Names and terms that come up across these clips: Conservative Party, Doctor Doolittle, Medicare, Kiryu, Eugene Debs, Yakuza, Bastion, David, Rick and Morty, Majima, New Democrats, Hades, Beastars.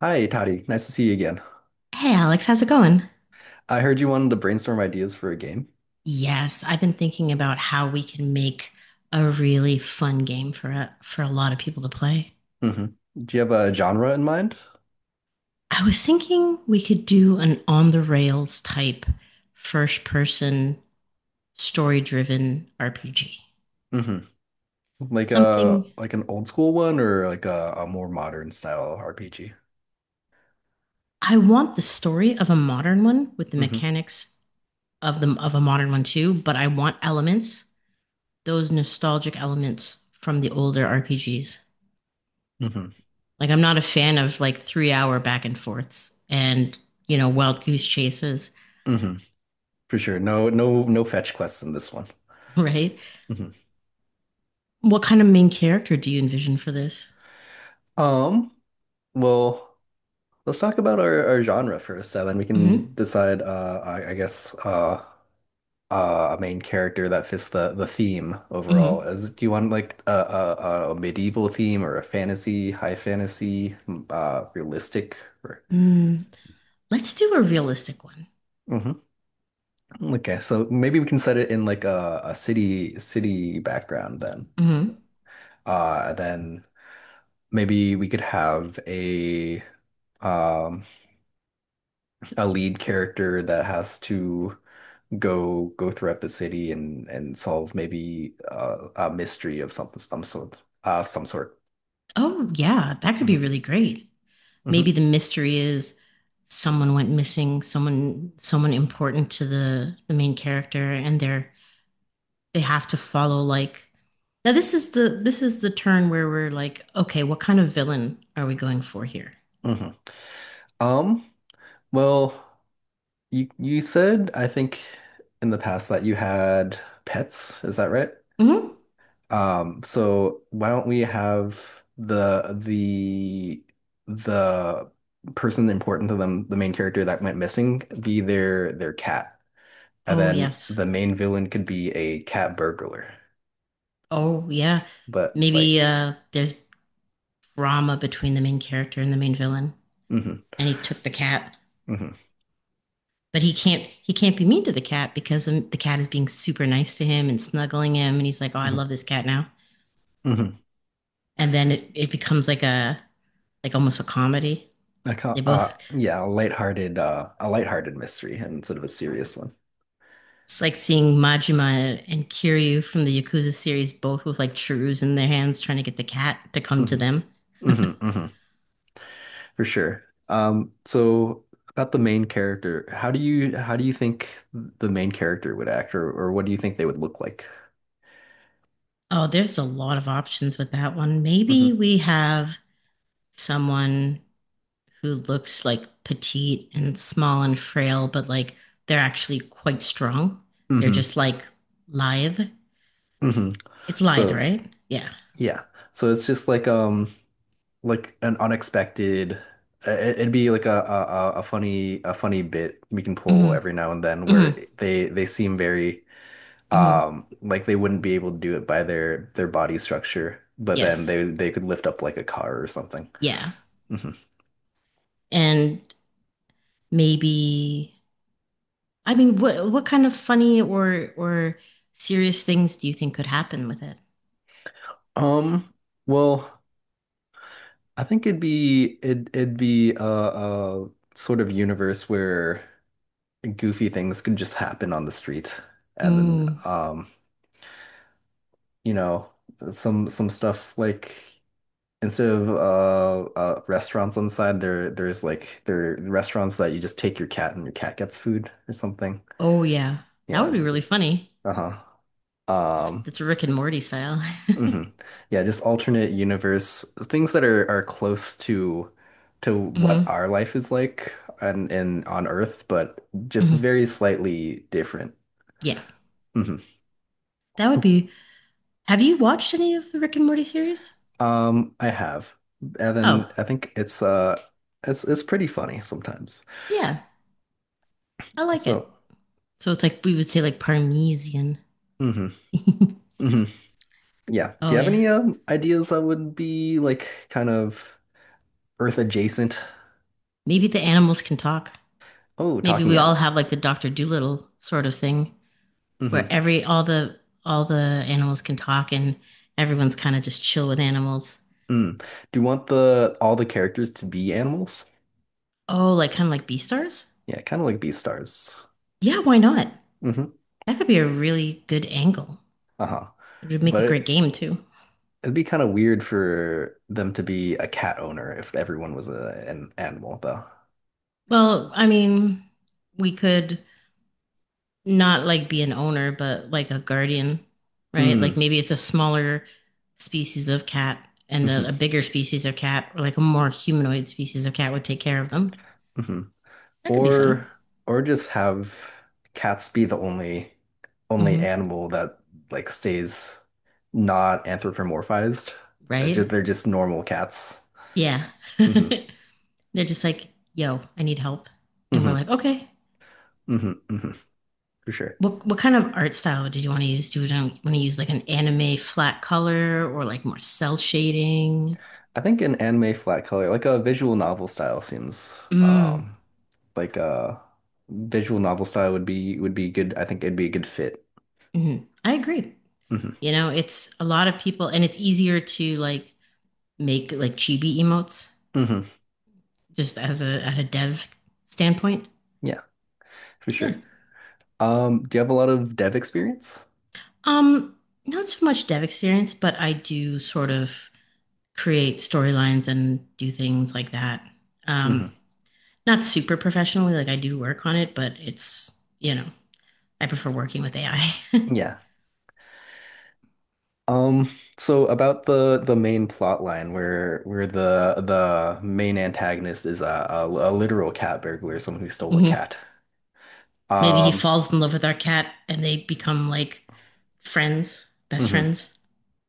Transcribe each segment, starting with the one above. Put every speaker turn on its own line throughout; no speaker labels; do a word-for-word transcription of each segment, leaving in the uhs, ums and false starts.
Hi, Toddy. Nice to see you again.
Hey, Alex, how's it going?
I heard you wanted to brainstorm ideas for a game.
Yes, I've been thinking about how we can make a really fun game for a, for a lot of people to play.
hmm Do you have a genre in mind?
I was thinking we could do an on the rails type first person story driven R P G.
hmm Like a
Something
like an old school one or like a, a more modern style R P G?
I want the story of a modern one with the
hmm
mechanics of the of a modern one too, but I want elements, those nostalgic elements from the older R P Gs.
hmm
Like I'm not a fan of like three hour back and forths and you know wild goose chases.
hmm For sure. No, no, no fetch quests in this one.
Right?
hmm
What kind of main character do you envision for this?
Um, well, let's talk about our, our genre first, so then we
Mm-hmm.
can decide uh I, I guess uh uh, a main character that fits the the theme overall.
Mm-hmm.
As Do you want like a, a, a medieval theme or a fantasy, high fantasy, m- uh, realistic? Or...
Mm, let's do a realistic one.
Mhm. Okay, so maybe we can set it in like a, a city city background then.
Mm-hmm.
Uh, then maybe we could have a um a lead character that has to go go throughout the city and and solve maybe uh, a mystery of something some sort uh some sort.
Oh yeah, that could be
Mhm.
really great.
Mhm.
Maybe the mystery is someone went missing, someone someone important to the the main character, and they're they have to follow like now this is the this is the turn where we're like, okay, what kind of villain are we going for here?
Mhm. Um, well, you you said, I think, in the past that you had pets, is that right?
Hmm.
Um, so why don't we have the the the person important to them, the main character that went missing, be their their cat. And
Oh,
then
yes.
the main villain could be a cat burglar.
Oh, yeah.
But
Maybe
like
uh there's drama between the main character and the main villain,
mhm,
and he took the cat.
mhm,
But he can't he can't be mean to the cat because um, the cat is being super nice to him and snuggling him, and he's like, "Oh, I
mhm,
love this cat now."
mhm.
And then it, it becomes like a like almost a comedy.
I can't,
They
uh
both
Yeah, a lighthearted uh a lighthearted mystery instead of a serious one.
It's like seeing Majima and Kiryu from the Yakuza series both with like churus in their hands trying to get the cat to come to
Mhm.
them.
hmm hmm For sure. Um, so about the main character, how do you how do you think the main character would act, or or what do you think they would look like?
Oh, there's a lot of options with that one. Maybe
hmm
we have someone who looks like petite and small and frail, but like they're actually quite strong. They're
hmm
just like lithe.
hmm
It's lithe,
So
right? Yeah.
yeah, so it's just like um like an unexpected. uh, it- It'd be like a, a a a funny a funny bit we can pull
Hmm
every now and then
hmm
where they they seem very
hmm.
um like they wouldn't be able to do it by their their body structure, but then
Yes.
they they could lift up like a car or something.
Yeah. And maybe I mean, what what kind of funny or or serious things do you think could happen with it?
Um, well, I think it'd be it it'd be a, a sort of universe where goofy things could just happen on the street, and then
Mm.
um, you know, some some stuff like instead of uh, uh restaurants on the side, there there's like there are restaurants that you just take your cat and your cat gets food or something.
Oh yeah, that
Yeah,
would be
just
really funny.
uh-huh.
It's
Um,
it's Rick and Morty style.
hmm Yeah, just alternate universe things that are are close to to what
Hmm
our life is like and and on Earth, but just
hmm.
very slightly different.
Yeah,
hmm
that would be Have you watched any of the Rick and Morty series?
Um, I have, and then
Oh,
I think it's uh it's it's pretty funny sometimes.
yeah, I like it.
So,
So it's like we would say like Parmesan.
hmm hmm yeah. Do you
Oh
have
yeah,
any um ideas that would be like kind of Earth adjacent?
maybe the animals can talk.
Oh,
Maybe
talking
we all have
animals.
like
Yeah.
the Doctor Doolittle sort of thing, where
hmm
every all the all the animals can talk and everyone's kind of just chill with animals.
Mm. Do you want the all the characters to be animals?
Oh, like kind of like Beastars?
Yeah, kind of like Beastars.
Yeah, why not?
hmm
That could be a really good angle.
Uh-huh.
It would make a
But
great
it,
game too.
it'd be kind of weird for them to be a cat owner if everyone was a, an animal, though.
Well, I mean, we could not like be an owner, but like a guardian, right?
Mm.
Like maybe it's a smaller species of cat and a, a
hmm
bigger species of cat, or like a more humanoid species of cat would take care of them.
hmm
That could be fun.
Or or just have cats be the only only
Hmm.
animal that like stays not anthropomorphized. Uh, ju-
Right?
they're just normal cats.
Yeah.
hmm
They're just like, yo, I need help. And we're
hmm
like, okay.
hmm hmm For sure.
What what kind of art style did you want to use? Do you want to use like an anime flat color or like more cell shading?
I think an anime flat color, like a visual novel style, seems
Mm,
um like uh visual novel style would be would be good. I think it'd be a good fit.
mhm. I agree.
hmm
You know, it's a lot of people, and it's easier to like make like chibi emotes
hmm
just as a at a dev standpoint.
Yeah, for
Yeah.
sure. Um, do you have a lot of dev experience?
Um, Not so much dev experience, but I do sort of create storylines and do things like that. Um,
hmm
Not super professionally, like I do work on it, but it's you know, I prefer working with A I. Hmm.
Yeah. Um, so about the the main plot line where where the the main antagonist is a, a, a literal cat burglar, someone who stole a cat.
Maybe he
Um,
falls in love with our cat and they become like friends, best
mhm,
friends.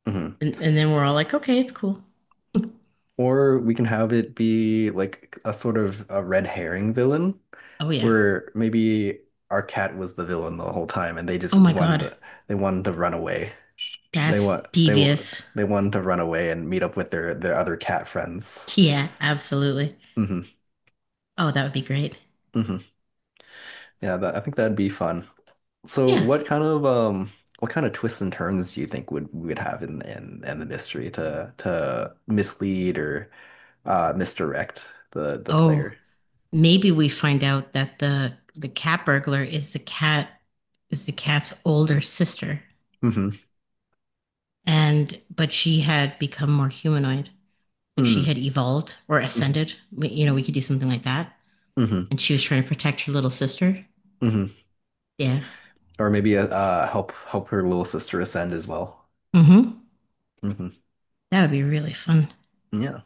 mhm.
And, and then we're all like, okay, it's cool.
Or we can have it be like a sort of a red herring villain,
Oh, yeah.
where maybe our cat was the villain the whole time and they just
Oh my
wanted
God.
to, they wanted to run away. They
That's
want they wa-
devious.
they wanted to run away and meet up with their their other cat friends.
Yeah, absolutely.
hmm
Oh, that would be great.
hmm Yeah, that, I think that'd be fun. So
Yeah.
what kind of um what kind of twists and turns do you think would we would have in in in the mystery to to mislead or uh misdirect the the
Oh,
player?
maybe we find out that the the cat burglar is the cat is the cat's older sister.
hmm
And but she had become more humanoid. Like she had
Mm.
evolved or
hmm
ascended. We- You know, we could do something like that. And she was trying to protect her little sister.
hmm
Yeah.
Or maybe uh help help her little sister ascend as well.
Mm-hmm.
hmm
That would be really fun.
Yeah,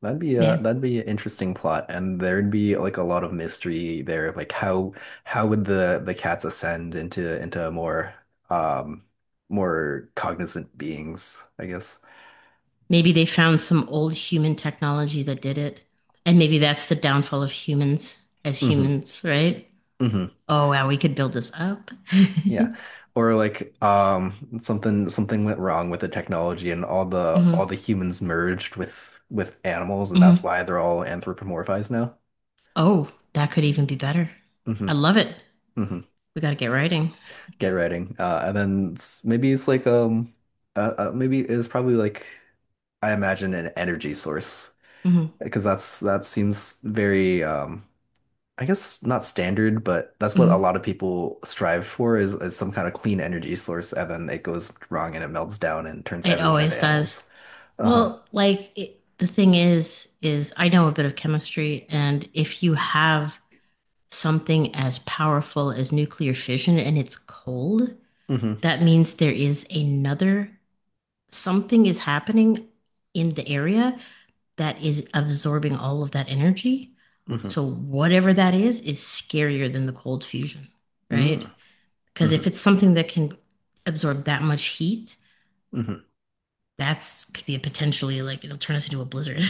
that'd be a
Man,
that'd be an interesting plot, and there'd be like a lot of mystery there. Like how how would the the cats ascend into into more um more cognizant beings, I guess.
maybe they found some old human technology that did it. And maybe that's the downfall of humans as
hmm
humans, right?
hmm
Oh, wow, we could build this up.
Yeah. Or like um something something went wrong with the technology and all the all
Hmm
the humans merged with with animals, and that's
hmm.
why they're all anthropomorphized now.
Oh, that could even be better.
hmm
I love it.
hmm
We got to get writing.
Get writing. Uh and then it's, maybe it's like um uh, uh maybe it's probably like I imagine an energy source
Hmm
because that's that seems very um I guess not standard, but that's what a
hmm.
lot of people strive for is, is some kind of clean energy source, and then it goes wrong and it melts down and turns
It
everyone into
always
animals.
does.
Uh-huh.
Well, like it, the thing is, is I know a bit of chemistry, and if you have something as powerful as nuclear fission and it's cold,
Mm-hmm.
that means there is another something is happening in the area that is absorbing all of that energy.
Mm-hmm.
So whatever that is is scarier than the cold fusion, right?
Mm.
Because if
Mm-hmm.
it's something that can absorb that much heat,
Mm-hmm. hmm
that's could be a potentially like it'll turn us into a blizzard.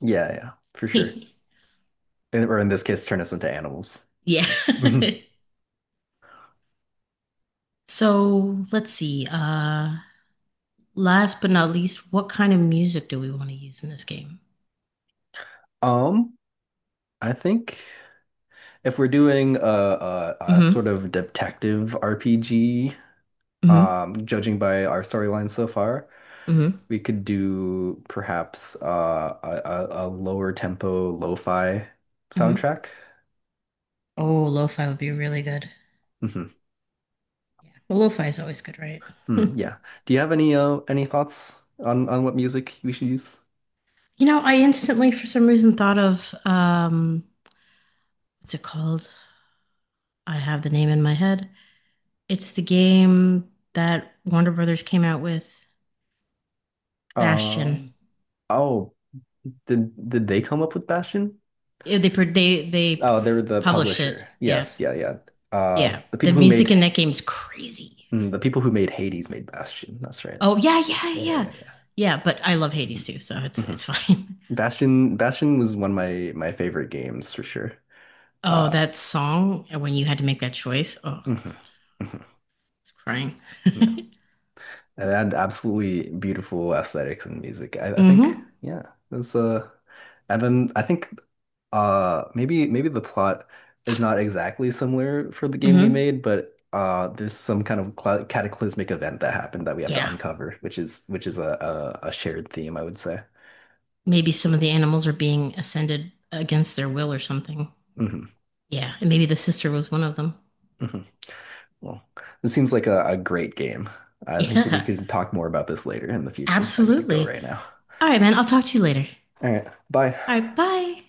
Yeah, yeah, for sure. And, or in this case, turn us into animals.
Yeah.
Mhm.
So let's see. Uh last but not least, what kind of music do we want to use in this game?
Um, I think if we're doing a, a, a sort
Mm-hmm.
of detective R P G,
Mm-hmm.
um, judging by our storyline so far.
Mm-hmm.
We could do perhaps uh, a, a, a lower tempo lo-fi
Mm-hmm.
soundtrack.
Oh, lo-fi would be really good.
Mm-hmm. hmm
Yeah. Well, lo-fi is always good, right?
Mm, yeah. Do you have any uh, any thoughts on on what music we should use?
You know, I instantly, for some reason, thought of um, what's it called? I have the name in my head. It's the game that Warner Brothers came out with, Bastion.
Um. Oh, did did they come up with Bastion?
Yeah, They pr- they they
Oh, they were the
published it.
publisher.
Yeah,
Yes. Yeah. Yeah. Uh,
yeah.
the
The
people who
music
made
in that game is crazy.
mm, the people who made Hades made Bastion. That's right.
Oh yeah, yeah,
Yeah. Yeah. Yeah.
yeah,
Yeah.
yeah. But I love Hades
Mhm.
too, so it's
Mhm.
it's fine.
Bastion Bastion was one of my my favorite games for sure.
Oh,
Uh.
that song when you had to make that choice. Oh, God,
mhm,
I
mhm.
was crying.
Yeah. And they had absolutely beautiful aesthetics and music. I, I think,
Mm-hmm.
yeah, that's uh, and then I think, uh, maybe maybe the plot is not exactly similar for the game we
Mm-hmm.
made, but uh, there's some kind of cla- cataclysmic event that happened that we have to
Yeah.
uncover, which is which is a a, a shared theme, I would say.
Maybe some of the animals are being ascended against their will or something.
hmm
Yeah, and maybe the sister was one of them.
hmm Well, this seems like a, a great game. I think we
Yeah,
can talk more about this later in the future. I gotta go
absolutely.
right now.
All right, man, I'll talk to you later.
All right, bye.
All right, bye.